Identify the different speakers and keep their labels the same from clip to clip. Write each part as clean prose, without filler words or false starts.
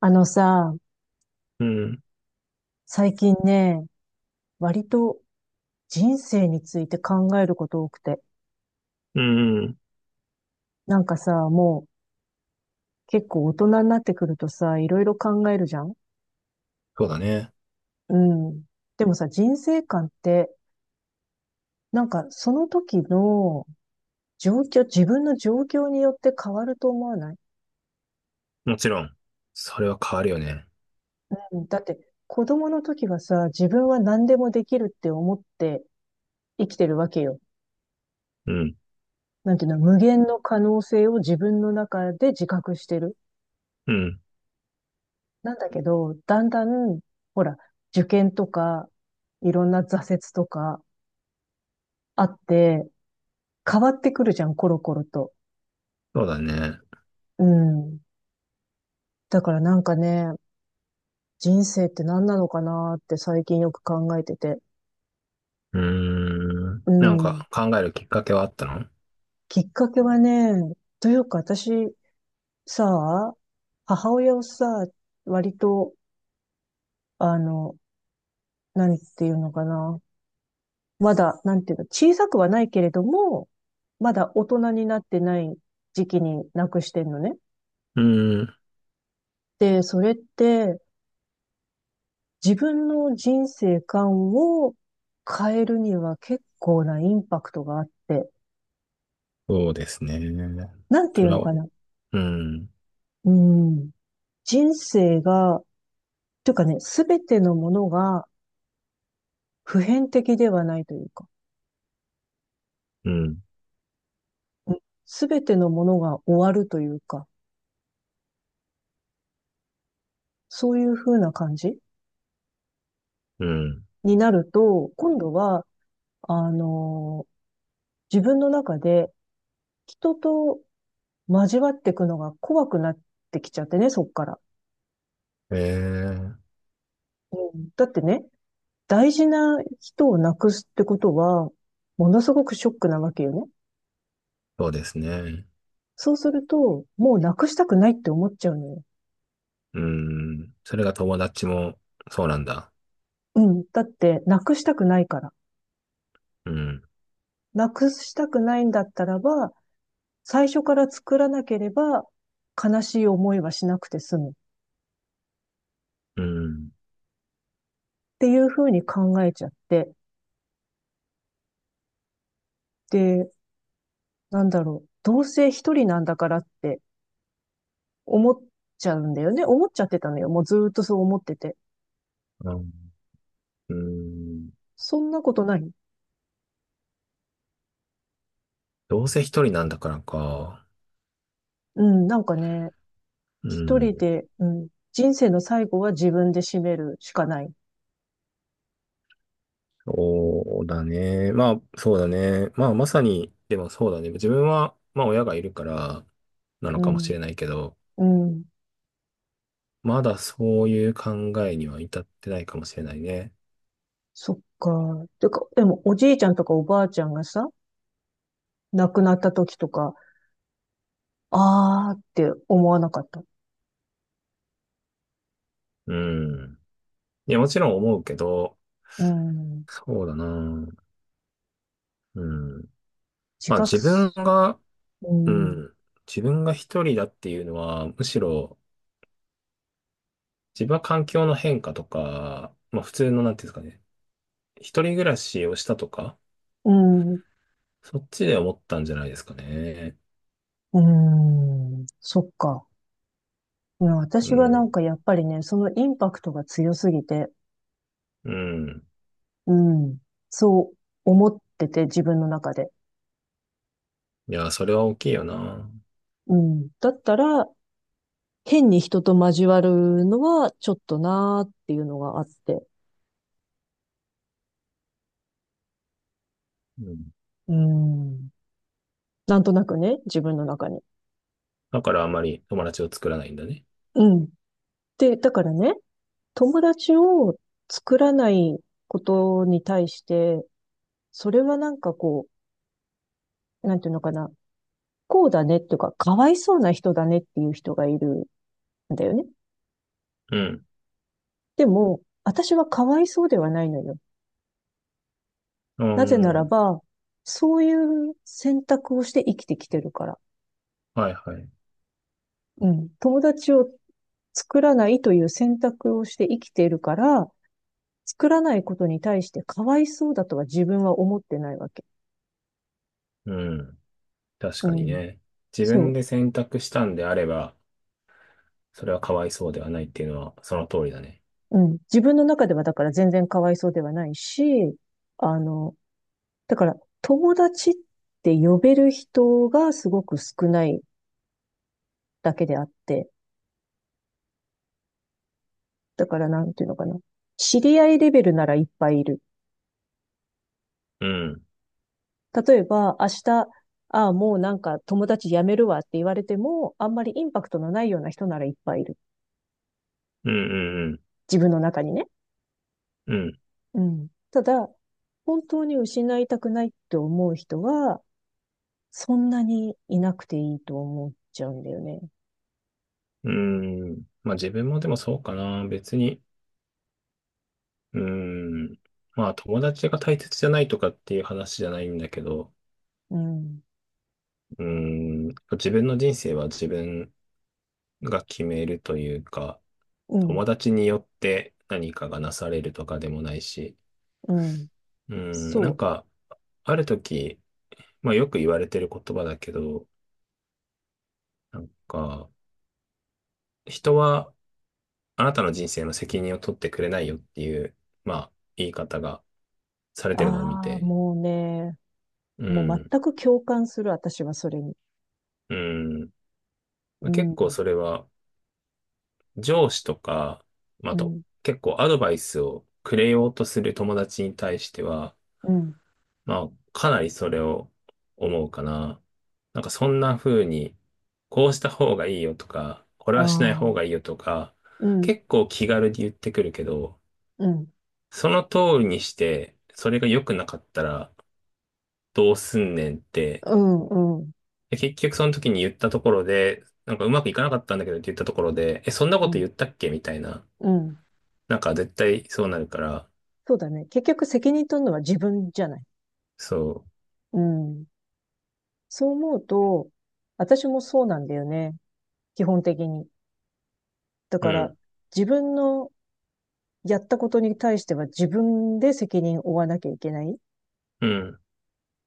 Speaker 1: あのさ、
Speaker 2: うん。
Speaker 1: 最近ね、割と人生について考えること多くて。
Speaker 2: うん、うん。
Speaker 1: なんかさ、もう結構大人になってくるとさ、いろいろ考えるじゃん。
Speaker 2: そうだね。
Speaker 1: うん。でもさ、人生観って、なんかその時の状況、自分の状況によって変わると思わない？
Speaker 2: もちろん。それは変わるよね。
Speaker 1: うん。だって子供の時はさ、自分は何でもできるって思って生きてるわけよ。
Speaker 2: うん。
Speaker 1: なんていうの、無限の可能性を自分の中で自覚してる。
Speaker 2: うん。
Speaker 1: なんだけど、だんだん、ほら、受験とか、いろんな挫折とかあって、変わってくるじゃん、コロコロと。
Speaker 2: そうだね。
Speaker 1: うん。だからなんかね、人生って何なのかなって最近よく考えてて。
Speaker 2: うーん。
Speaker 1: う
Speaker 2: なん
Speaker 1: ん。
Speaker 2: か考えるきっかけはあったの？う
Speaker 1: きっかけはね、というか私、さ、母親をさ、割と、あの、何っていうのかな。まだ、なんていうの、小さくはないけれども、まだ大人になってない時期になくしてんのね。
Speaker 2: ーん。
Speaker 1: で、それって自分の人生観を変えるには結構なインパクトがあって、
Speaker 2: そうですね。
Speaker 1: なんて
Speaker 2: そ
Speaker 1: い
Speaker 2: れ
Speaker 1: うの
Speaker 2: は、
Speaker 1: かな。
Speaker 2: うん。
Speaker 1: うん。人生が、というかね、すべてのものが普遍的ではないというか、
Speaker 2: うん。
Speaker 1: すべてのものが終わるというか、そういう風な感じ
Speaker 2: うん。
Speaker 1: になると、今度は、あの自分の中で人と交わっていくのが怖くなってきちゃってね、そっから。
Speaker 2: ええ、
Speaker 1: うん、だってね、大事な人をなくすってことは、ものすごくショックなわけよね。
Speaker 2: そうですね。
Speaker 1: そうすると、もうなくしたくないって思っちゃうのよ。
Speaker 2: うん。それが友達も、そうなんだ。
Speaker 1: うん。だって、なくしたくないから。
Speaker 2: うん。
Speaker 1: なくしたくないんだったらば、最初から作らなければ、悲しい思いはしなくて済む。っ
Speaker 2: うん。
Speaker 1: ていうふうに考えちゃって。で、なんだろう。どうせ一人なんだからって思っちゃうんだよね。思っちゃってたのよ。もうずーっとそう思ってて。
Speaker 2: あ、うん。
Speaker 1: そんなことない。
Speaker 2: どうせ一人なんだからか。
Speaker 1: うん、なんかね、
Speaker 2: う
Speaker 1: 一人
Speaker 2: ん。
Speaker 1: で、うん、人生の最後は自分で締めるしかない。
Speaker 2: そうだね。まあ、そうだね。まあ、まさに、でもそうだね。自分は、まあ、親がいるから、なの
Speaker 1: う
Speaker 2: かもし
Speaker 1: ん、
Speaker 2: れないけど、
Speaker 1: うん、
Speaker 2: まだそういう考えには至ってないかもしれないね。
Speaker 1: そっか。てか、でもおじいちゃんとかおばあちゃんがさ、亡くなった時とか、あーって思わなかった。
Speaker 2: うん。いや、もちろん思うけど、
Speaker 1: うん。
Speaker 2: そうだな。うん。
Speaker 1: 自
Speaker 2: まあ、
Speaker 1: 覚
Speaker 2: 自分
Speaker 1: す、
Speaker 2: が、
Speaker 1: う
Speaker 2: う
Speaker 1: ん、
Speaker 2: ん。自分が一人だっていうのは、むしろ、自分は環境の変化とか、まあ、普通の、なんていうんですかね。一人暮らしをしたとか、
Speaker 1: うん、
Speaker 2: そっちで思ったんじゃないですかね。
Speaker 1: うん、そっか。うん、
Speaker 2: う
Speaker 1: 私はなん
Speaker 2: ん、
Speaker 1: かやっぱりね、そのインパクトが強すぎて、
Speaker 2: うん。
Speaker 1: うん。そう思ってて、自分の中で。
Speaker 2: いや、それは大きいよな。
Speaker 1: うん。だったら、変に人と交わるのはちょっとなーっていうのがあって。
Speaker 2: うん。
Speaker 1: うん。なんとなくね、自分の中に。
Speaker 2: だからあまり友達を作らないんだね。
Speaker 1: うん。で、だからね、友達を作らないことに対して、それはなんかこう、なんていうのかな、こうだねっていうか、かわいそうな人だねっていう人がいるんだよね。
Speaker 2: うん。
Speaker 1: でも、私はかわいそうではないのよ。
Speaker 2: うー
Speaker 1: なぜなら
Speaker 2: ん。
Speaker 1: ば、そういう選択をして生きてきてるから。
Speaker 2: はいはい。
Speaker 1: うん。友達を作らないという選択をして生きているから、作らないことに対してかわいそうだとは自分は思ってないわけ。
Speaker 2: うん。確
Speaker 1: う
Speaker 2: かに
Speaker 1: ん。
Speaker 2: ね。自分
Speaker 1: そ
Speaker 2: で選択したんであれば、それはかわいそうではないっていうのはその通りだね。
Speaker 1: う。うん。自分の中ではだから全然かわいそうではないし、あの、だから友達って呼べる人がすごく少ないだけであって、だからなんていうのかな。知り合いレベルならいっぱいいる。
Speaker 2: うん。
Speaker 1: 例えば、明日、ああ、もうなんか友達辞めるわって言われても、あんまりインパクトのないような人ならいっぱいいる。
Speaker 2: うん、うん、
Speaker 1: 自分の中にね。
Speaker 2: うん。
Speaker 1: うん。ただ、本当に失いたくないって思う人は、そんなにいなくていいと思っちゃうんだよね。
Speaker 2: うん。うん。まあ自分もでもそうかな。別に。うん。まあ友達が大切じゃないとかっていう話じゃないんだけど、
Speaker 1: うん。
Speaker 2: うん。自分の人生は自分が決めるというか、
Speaker 1: うん。
Speaker 2: 友達によって何かがなされるとかでもないし、
Speaker 1: うん。
Speaker 2: うん、な
Speaker 1: そ
Speaker 2: ん
Speaker 1: う。
Speaker 2: か、ある時、まあよく言われてる言葉だけど、なんか、人はあなたの人生の責任を取ってくれないよっていう、まあ、言い方がされてるのを見
Speaker 1: ああ、
Speaker 2: て、
Speaker 1: もうね、
Speaker 2: う
Speaker 1: もう
Speaker 2: ん、
Speaker 1: 全く共感する、私はそれに。
Speaker 2: うん、ま
Speaker 1: う
Speaker 2: あ結
Speaker 1: ん。
Speaker 2: 構それは上司とか、まあ
Speaker 1: う
Speaker 2: あと、
Speaker 1: ん。
Speaker 2: 結構アドバイスをくれようとする友達に対しては、
Speaker 1: うん。
Speaker 2: まあ、かなりそれを思うかな。なんかそんな風に、こうした方がいいよとか、これ
Speaker 1: あ
Speaker 2: はしない方がいい
Speaker 1: あ。
Speaker 2: よとか、
Speaker 1: うん。
Speaker 2: 結構気軽に言ってくるけど、
Speaker 1: うん。
Speaker 2: その通りにして、それが良くなかったらどうすんねんって、
Speaker 1: うん。うん。
Speaker 2: で結局その時に言ったところで、なんかうまくいかなかったんだけどって言ったところで、え、そんな
Speaker 1: う
Speaker 2: こと
Speaker 1: ん。
Speaker 2: 言ったっけみたいな。
Speaker 1: うん。
Speaker 2: なんか絶対そうなるから、
Speaker 1: そうだね。結局責任取るのは自分じゃない。
Speaker 2: そ
Speaker 1: うん。そう思うと、私もそうなんだよね。基本的に。だ
Speaker 2: う。う
Speaker 1: から、
Speaker 2: ん。
Speaker 1: 自分のやったことに対しては自分で責任を負わなきゃいけないっ
Speaker 2: うん。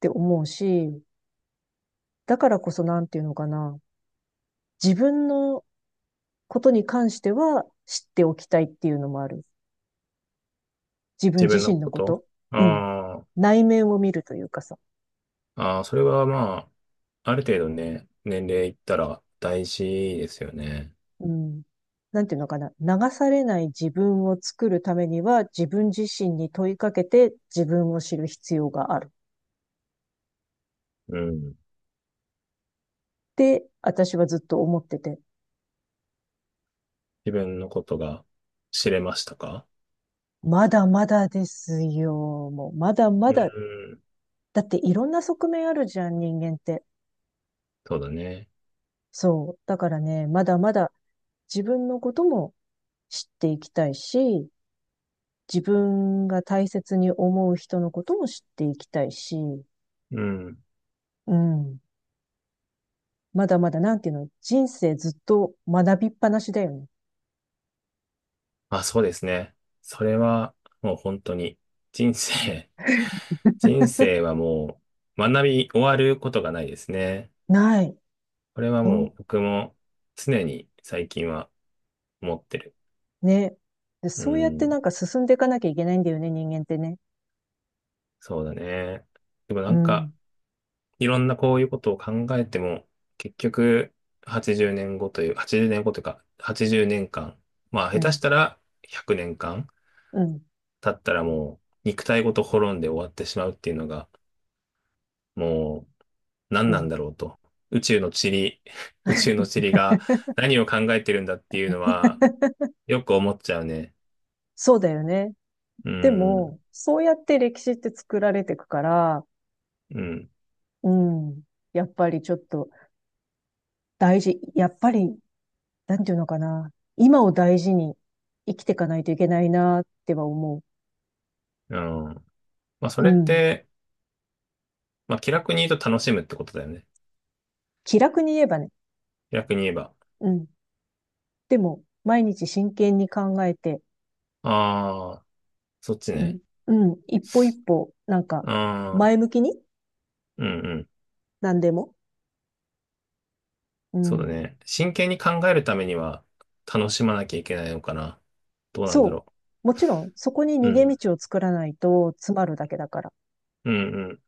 Speaker 1: て思うし、だからこそなんていうのかな。自分のことに関しては知っておきたいっていうのもある。自分
Speaker 2: 自
Speaker 1: 自
Speaker 2: 分の
Speaker 1: 身の
Speaker 2: こ
Speaker 1: こ
Speaker 2: と、
Speaker 1: と。
Speaker 2: あ、
Speaker 1: うん。
Speaker 2: あー。
Speaker 1: 内面を見るというかさ。
Speaker 2: ああ、それはまあ、ある程度ね、年齢いったら大事ですよね。
Speaker 1: うん。なんていうのかな。流されない自分を作るためには、自分自身に問いかけて自分を知る必要がある。
Speaker 2: うん。
Speaker 1: って私はずっと思ってて。
Speaker 2: 自分のことが知れましたか？
Speaker 1: まだまだですよ。もう、まだま
Speaker 2: う
Speaker 1: だ。
Speaker 2: ん。
Speaker 1: だっていろんな側面あるじゃん、人間って。
Speaker 2: そうだね。
Speaker 1: そう。だからね、まだまだ自分のことも知っていきたいし、自分が大切に思う人のことも知っていきたいし、
Speaker 2: うん。
Speaker 1: うん。まだまだ、なんていうの、人生ずっと学びっぱなしだよね。
Speaker 2: あ、そうですね。それはもう本当に人生、人生はもう学び終わることがないですね。
Speaker 1: ない。
Speaker 2: これは
Speaker 1: ほ
Speaker 2: も
Speaker 1: ん、
Speaker 2: う僕も常に最近は思ってる。
Speaker 1: ね。で、
Speaker 2: う
Speaker 1: そうやってな
Speaker 2: ん。
Speaker 1: んか進んでいかなきゃいけないんだよね、人間ってね。
Speaker 2: そうだね。でもな
Speaker 1: う
Speaker 2: んか、
Speaker 1: ん、
Speaker 2: いろんなこういうことを考えても、結局、80年後という、80年後というか、80年間、まあ、
Speaker 1: う
Speaker 2: 下手し
Speaker 1: ん、
Speaker 2: たら100年間
Speaker 1: うん、
Speaker 2: 経ったらもう、肉体ごと滅んで終わってしまうっていうのが、もう、何
Speaker 1: う
Speaker 2: なん
Speaker 1: ん。
Speaker 2: だろうと。宇宙の塵、宇宙の塵が何を考えてるんだっていうのは、よく思っちゃうね。
Speaker 1: そうだよね。
Speaker 2: う
Speaker 1: で
Speaker 2: ん、
Speaker 1: も、そうやって歴史って作られていくから、
Speaker 2: うん、
Speaker 1: うん、やっぱりちょっと大事、やっぱり、なんていうのかな、今を大事に生きていかないといけないなっては思
Speaker 2: うん。まあ、そ
Speaker 1: う。う
Speaker 2: れっ
Speaker 1: ん。
Speaker 2: て、まあ、気楽に言うと楽しむってことだよね。
Speaker 1: 気楽に言えばね。
Speaker 2: 気楽に言えば。
Speaker 1: うん。でも、毎日真剣に考えて、
Speaker 2: ああ、そっち
Speaker 1: うん、
Speaker 2: ね。
Speaker 1: うん、一歩一歩、なんか、
Speaker 2: ああ、
Speaker 1: 前向きに、
Speaker 2: うん、うん。
Speaker 1: 何でも。う
Speaker 2: そうだ
Speaker 1: ん。
Speaker 2: ね。真剣に考えるためには楽しまなきゃいけないのかな。どうなんだ
Speaker 1: そう。
Speaker 2: ろ
Speaker 1: もちろん、そこに
Speaker 2: う。う
Speaker 1: 逃げ
Speaker 2: ん。
Speaker 1: 道を作らないと詰まるだけだから。
Speaker 2: うん、うん。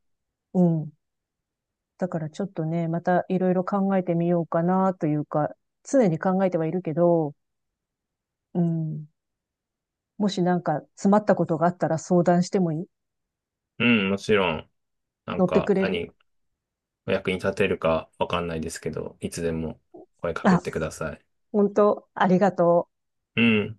Speaker 1: うん。だからちょっとね、またいろいろ考えてみようかなというか、常に考えてはいるけど、うん。もしなんか詰まったことがあったら相談してもいい？
Speaker 2: うん、もちろん、なん
Speaker 1: 乗って
Speaker 2: か
Speaker 1: くれる？
Speaker 2: 何、お役に立てるかわかんないですけど、いつでも声かけ
Speaker 1: あ、
Speaker 2: てください。
Speaker 1: 本当ありがとう。
Speaker 2: うん。